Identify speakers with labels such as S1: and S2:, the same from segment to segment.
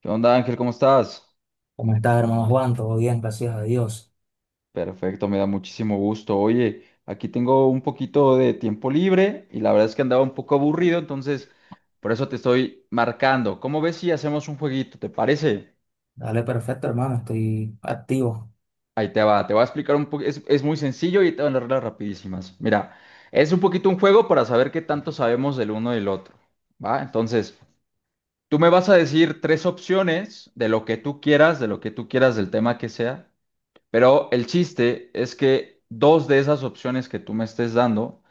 S1: ¿Qué onda, Ángel? ¿Cómo estás?
S2: ¿Cómo estás, hermano Juan? Todo bien, gracias a Dios.
S1: Perfecto, me da muchísimo gusto. Oye, aquí tengo un poquito de tiempo libre y la verdad es que andaba un poco aburrido, entonces por eso te estoy marcando. ¿Cómo ves si hacemos un jueguito? ¿Te parece?
S2: Dale, perfecto, hermano. Estoy activo.
S1: Ahí te va, te voy a explicar un poco. Es muy sencillo y te van las reglas rapidísimas. Mira, es un poquito un juego para saber qué tanto sabemos del uno del otro, ¿va? Entonces, tú me vas a decir tres opciones de lo que tú quieras, de lo que tú quieras, del tema que sea. Pero el chiste es que dos de esas opciones que tú me estés dando,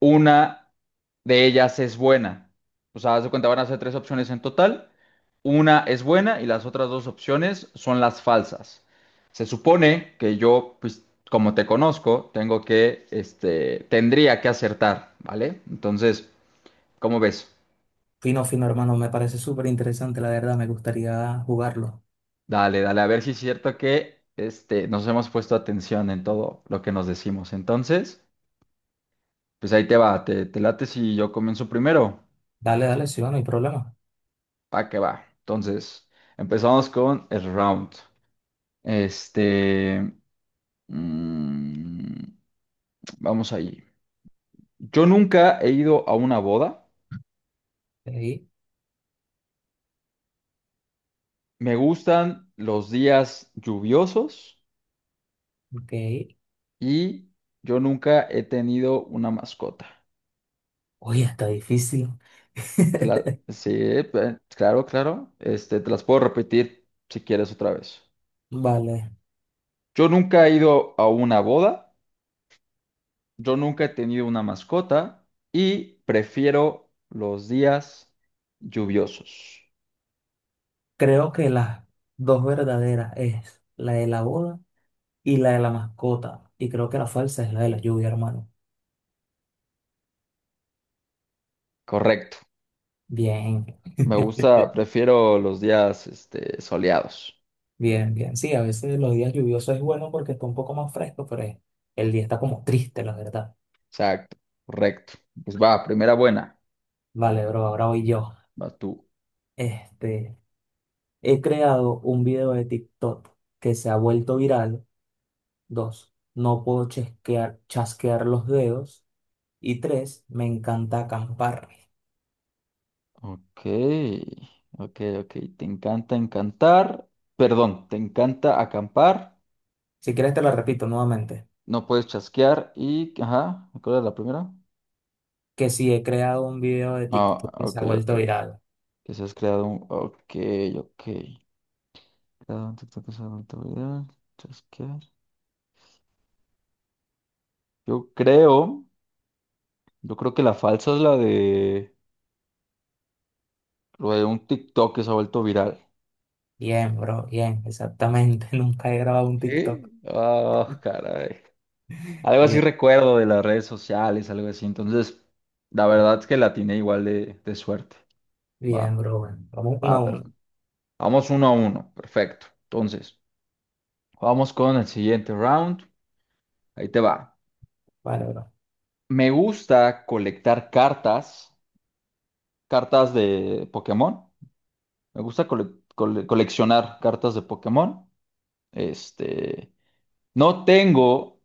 S1: una de ellas es buena. O sea, haz de cuenta, van a ser tres opciones en total. Una es buena y las otras dos opciones son las falsas. Se supone que yo, pues, como te conozco, tengo que, tendría que acertar, ¿vale? Entonces, ¿cómo ves?
S2: Fino, fino, hermano. Me parece súper interesante, la verdad. Me gustaría jugarlo.
S1: Dale, dale, a ver si es cierto que, nos hemos puesto atención en todo lo que nos decimos. Entonces. Pues ahí te va, te late si yo comienzo primero.
S2: Dale, dale, sí, va, no hay problema.
S1: Pa' que va. Entonces, empezamos con el round. Este, mm, vamos allí. Yo nunca he ido a una boda.
S2: Ok,
S1: Me gustan los días lluviosos
S2: ok.
S1: y yo nunca he tenido una mascota.
S2: Oye, está difícil.
S1: Sí, claro, claro. Te las puedo repetir si quieres otra vez.
S2: Vale.
S1: Yo nunca he ido a una boda. Yo nunca he tenido una mascota y prefiero los días lluviosos.
S2: Creo que las dos verdaderas es la de la boda y la de la mascota. Y creo que la falsa es la de la lluvia, hermano.
S1: Correcto.
S2: Bien.
S1: Me gusta, prefiero los días soleados.
S2: Bien, bien. Sí, a veces los días lluviosos es bueno porque está un poco más fresco, pero es- el día está como triste, la verdad.
S1: Exacto. Correcto. Pues va, primera buena.
S2: Vale, bro, ahora voy yo.
S1: Va tú.
S2: Este, he creado un video de TikTok que se ha vuelto viral. Dos, no puedo chasquear los dedos. Y tres, me encanta acampar.
S1: Ok, ok, ok. Te encanta encantar. Perdón, te encanta acampar.
S2: Si quieres te lo repito nuevamente,
S1: No puedes chasquear y... Ajá, ¿cuál era la primera?
S2: que sí he creado un video de
S1: Ah,
S2: TikTok que se
S1: ok,
S2: ha
S1: ok.
S2: vuelto viral.
S1: Que se has creado un... Ok, ok. Cada un TikTok es algo viral. Chasquear. Yo creo, yo creo que la falsa es la de, lo de un TikTok que se ha vuelto viral.
S2: Bien, bro, bien, exactamente. Nunca he grabado un TikTok.
S1: ¿Sí? Ah, caray. Algo así
S2: Bien,
S1: recuerdo de las redes sociales, algo así. Entonces, la verdad es que la tiene igual de suerte.
S2: bien,
S1: Va,
S2: bro. Bueno, vamos uno a
S1: va, perfecto.
S2: uno.
S1: Vamos uno a uno, perfecto. Entonces, vamos con el siguiente round. Ahí te va.
S2: Vale, bro.
S1: Me gusta colectar cartas, cartas de Pokémon. Me gusta coleccionar cartas de Pokémon. Este, no tengo,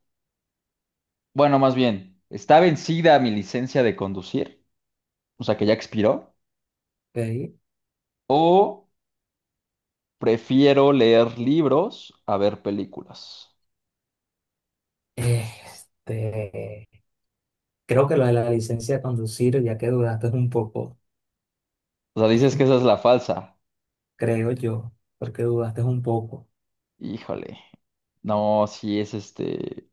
S1: bueno, más bien, está vencida mi licencia de conducir, o sea que ya expiró,
S2: Ok.
S1: o prefiero leer libros a ver películas.
S2: Este, creo que lo de la licencia de conducir, ya que dudaste un poco,
S1: O sea, dices que esa es la falsa.
S2: creo yo, porque dudaste un poco.
S1: Híjole. No, sí es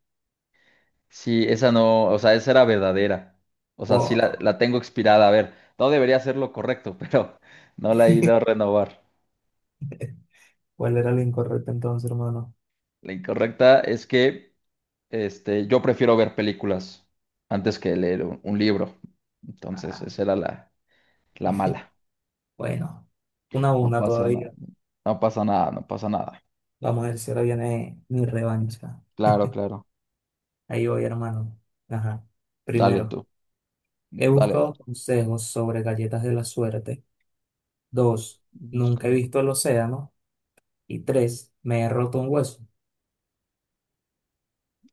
S1: sí, esa no, o sea, esa era verdadera. O sea, sí la,
S2: Oh,
S1: la tengo expirada. A ver, no debería ser lo correcto, pero no la he ido a renovar.
S2: ¿cuál era lo incorrecto entonces, hermano?
S1: La incorrecta es que yo prefiero ver películas antes que leer un libro. Entonces,
S2: Ah,
S1: esa era la, la mala.
S2: bueno, una a
S1: No
S2: una
S1: pasa nada,
S2: todavía.
S1: no pasa nada, no pasa nada.
S2: Vamos a ver si ahora viene mi revancha.
S1: Claro, claro.
S2: Ahí voy, hermano. Ajá.
S1: Dale
S2: Primero,
S1: tú.
S2: he
S1: Dale, dale.
S2: buscado consejos sobre galletas de la suerte. Dos, nunca he
S1: Busca-
S2: visto el océano. Y tres, me he roto un hueso.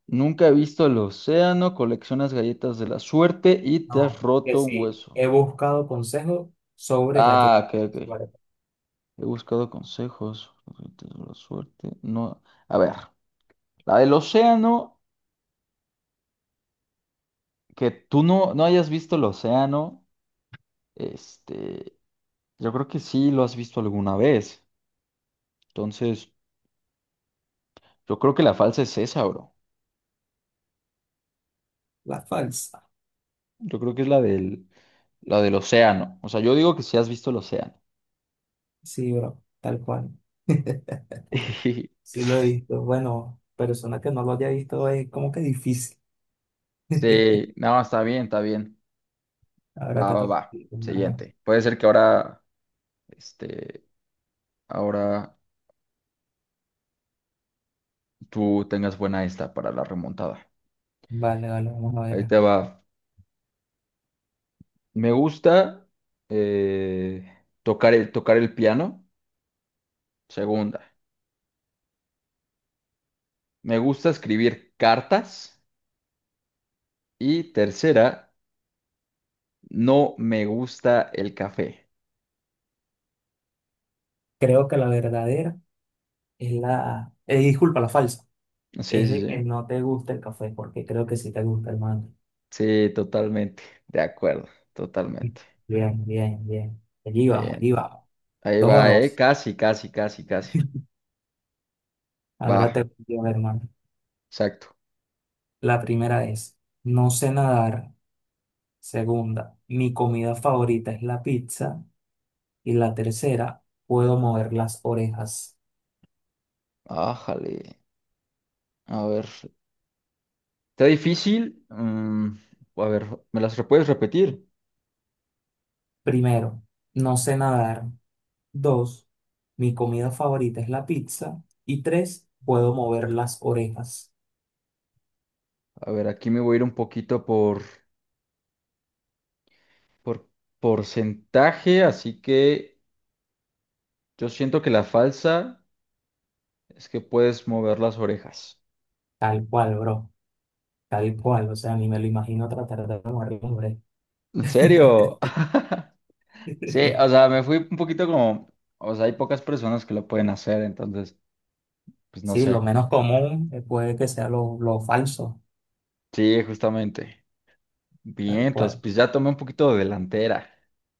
S1: Nunca he visto el océano, coleccionas galletas de la suerte y te
S2: No,
S1: has
S2: que
S1: roto un
S2: sí,
S1: hueso.
S2: he buscado consejos sobre
S1: Ah,
S2: galletas.
S1: ok, ok.
S2: Vale,
S1: He buscado consejos, galletas de la suerte. No, a ver, la del océano, que tú no hayas visto el océano. Este, Yo creo que sí lo has visto alguna vez. Entonces, yo creo que la falsa es esa, bro.
S2: la falsa.
S1: Yo creo que es la del océano. O sea, yo digo que sí has visto el océano.
S2: Sí, bro, tal cual. Sí lo he visto. Bueno, persona que no lo haya visto es como que difícil.
S1: Sí, no, está bien, está bien.
S2: Ahora
S1: Va,
S2: te
S1: va,
S2: toca a
S1: va.
S2: ti, hermano.
S1: Siguiente. Puede ser que ahora, este, ahora tú tengas buena esta para la remontada.
S2: Vale, vale, vamos a
S1: Ahí
S2: ver.
S1: te va. Me gusta tocar el piano. Segunda. Me gusta escribir cartas. Y tercera. No me gusta el café.
S2: Creo que la verdadera es la... disculpa, la falsa.
S1: Sí,
S2: Es
S1: sí,
S2: de que
S1: sí.
S2: no te gusta el café, porque creo que sí te gusta, hermano.
S1: Sí, totalmente. De acuerdo, totalmente.
S2: Bien, bien, bien. Allí vamos,
S1: Bien.
S2: allí vamos.
S1: Ahí
S2: Dos a
S1: va, ¿eh?
S2: dos.
S1: Casi, casi, casi, casi. Va,
S2: Ahora te pido, hermano.
S1: exacto.
S2: La primera es, no sé nadar. Segunda, mi comida favorita es la pizza. Y la tercera, puedo mover las orejas.
S1: Ájale. A ver. ¿Está difícil? A ver, ¿me las puedes repetir?
S2: Primero, no sé nadar. Dos, mi comida favorita es la pizza. Y tres, puedo mover las orejas.
S1: A ver, aquí me voy a ir un poquito por porcentaje, así que yo siento que la falsa es que puedes mover las orejas.
S2: Tal cual, bro. Tal cual. O sea, ni me lo imagino tratar de mover las orejas.
S1: ¿En serio? Sí, o sea, me fui un poquito como, o sea, hay pocas personas que lo pueden hacer, entonces, pues no
S2: Sí, lo
S1: sé.
S2: menos común puede que sea lo falso.
S1: Sí, justamente. Bien,
S2: Tal
S1: entonces,
S2: cual.
S1: pues ya tomé un poquito de delantera,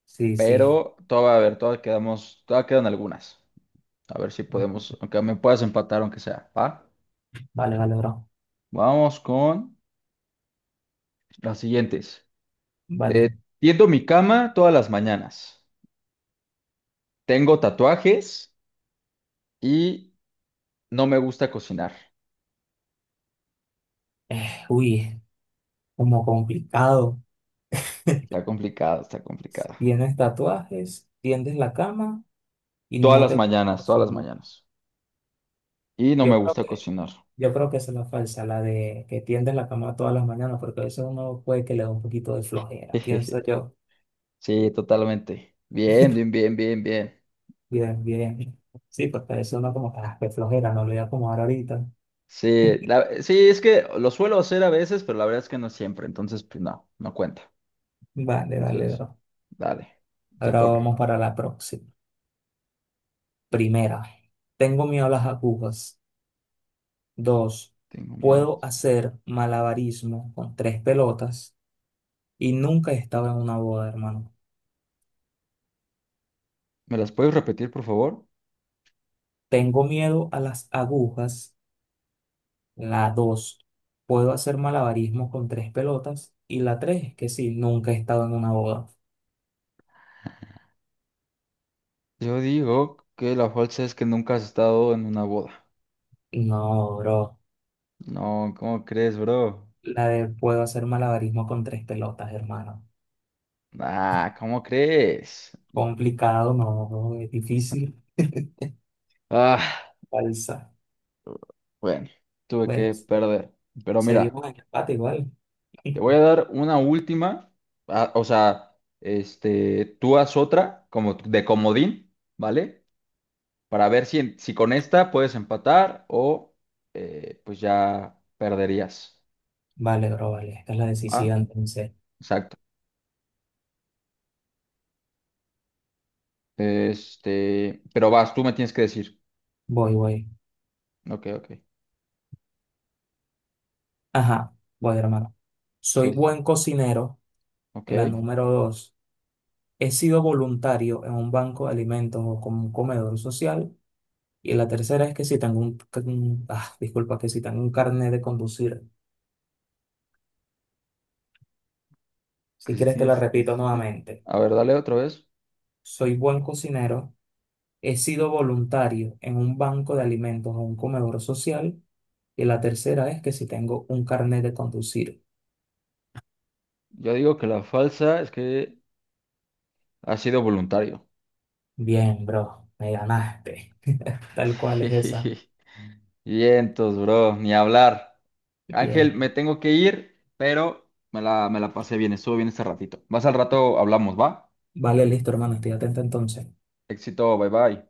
S2: Sí, sí.
S1: pero todavía, a ver, todavía quedamos, todavía quedan algunas. A ver si podemos, aunque me puedas empatar, aunque sea, ¿va?
S2: Vale, vale, bro.
S1: Vamos con las siguientes. Eh,
S2: Vale.
S1: tiendo mi cama todas las mañanas. Tengo tatuajes y no me gusta cocinar.
S2: Uy, como complicado.
S1: Está complicado, está complicado.
S2: Tienes tatuajes, tiendes la cama y
S1: Todas
S2: no te
S1: las
S2: gusta
S1: mañanas, todas las
S2: cocinar.
S1: mañanas. Y no me
S2: Yo creo
S1: gusta
S2: que,
S1: cocinar.
S2: yo creo que esa es la falsa, la de que tiendes la cama todas las mañanas, porque a veces uno puede que le da un poquito de flojera, pienso yo.
S1: Sí, totalmente. Bien, bien, bien, bien, bien.
S2: Bien, bien. Sí, porque a veces uno como que, "Ah, qué flojera, no lo voy a acomodar ahorita."
S1: Sí, es que lo suelo hacer a veces, pero la verdad es que no siempre. Entonces, pues no, no cuenta.
S2: Vale, dale,
S1: Entonces,
S2: bro.
S1: dale, te
S2: Ahora
S1: toca.
S2: vamos para la próxima. Primera, tengo miedo a las agujas. Dos,
S1: Tengo miedo.
S2: puedo hacer malabarismo con tres pelotas. Y nunca he estado en una boda, hermano.
S1: ¿Me las puedes repetir, por favor?
S2: Tengo miedo a las agujas, la dos, puedo hacer malabarismo con tres pelotas y la 3, que sí, nunca he estado en una boda.
S1: Yo digo que la falsa es que nunca has estado en una boda.
S2: No, bro.
S1: No, ¿cómo crees, bro?
S2: La de puedo hacer malabarismo con tres pelotas, hermano.
S1: Ah, ¿cómo crees?
S2: Complicado, no, bro, es difícil.
S1: Ah,
S2: Falsa.
S1: bueno, tuve
S2: Bueno,
S1: que perder. Pero mira.
S2: seguimos en empate igual.
S1: Te voy a dar una última, ah, o sea, tú haz otra como de comodín, ¿vale? Para ver si, si con esta puedes empatar o pues ya perderías,
S2: Vale, bro, vale. Esta es la
S1: ¿va?
S2: decisiva, entonces.
S1: Exacto. Pero vas, tú me tienes que decir.
S2: Voy, voy.
S1: Ok, ok.
S2: Ajá, voy, hermano.
S1: Sí,
S2: Soy
S1: sí, sí.
S2: buen cocinero,
S1: Ok.
S2: la
S1: Que
S2: número dos, he sido voluntario en un banco de alimentos o como un comedor social. Y la tercera es que si tengo un, que un- ah, disculpa, que si tengo un carnet de conducir. Si
S1: si
S2: quieres te la
S1: tienes
S2: repito
S1: licencia.
S2: nuevamente.
S1: A ver, dale otra vez.
S2: Soy buen cocinero. He sido voluntario en un banco de alimentos o un comedor social. Y la tercera es que si tengo un carnet de conducir.
S1: Yo digo que la falsa es que ha sido voluntario.
S2: Bien, bro, me ganaste. Tal cual es esa.
S1: Vientos, bro, ni hablar. Ángel,
S2: Bien.
S1: me tengo que ir, pero me la pasé bien, estuvo bien este ratito. Más al rato hablamos, ¿va?
S2: Vale, listo, hermano. Estoy atento entonces.
S1: Éxito, bye bye.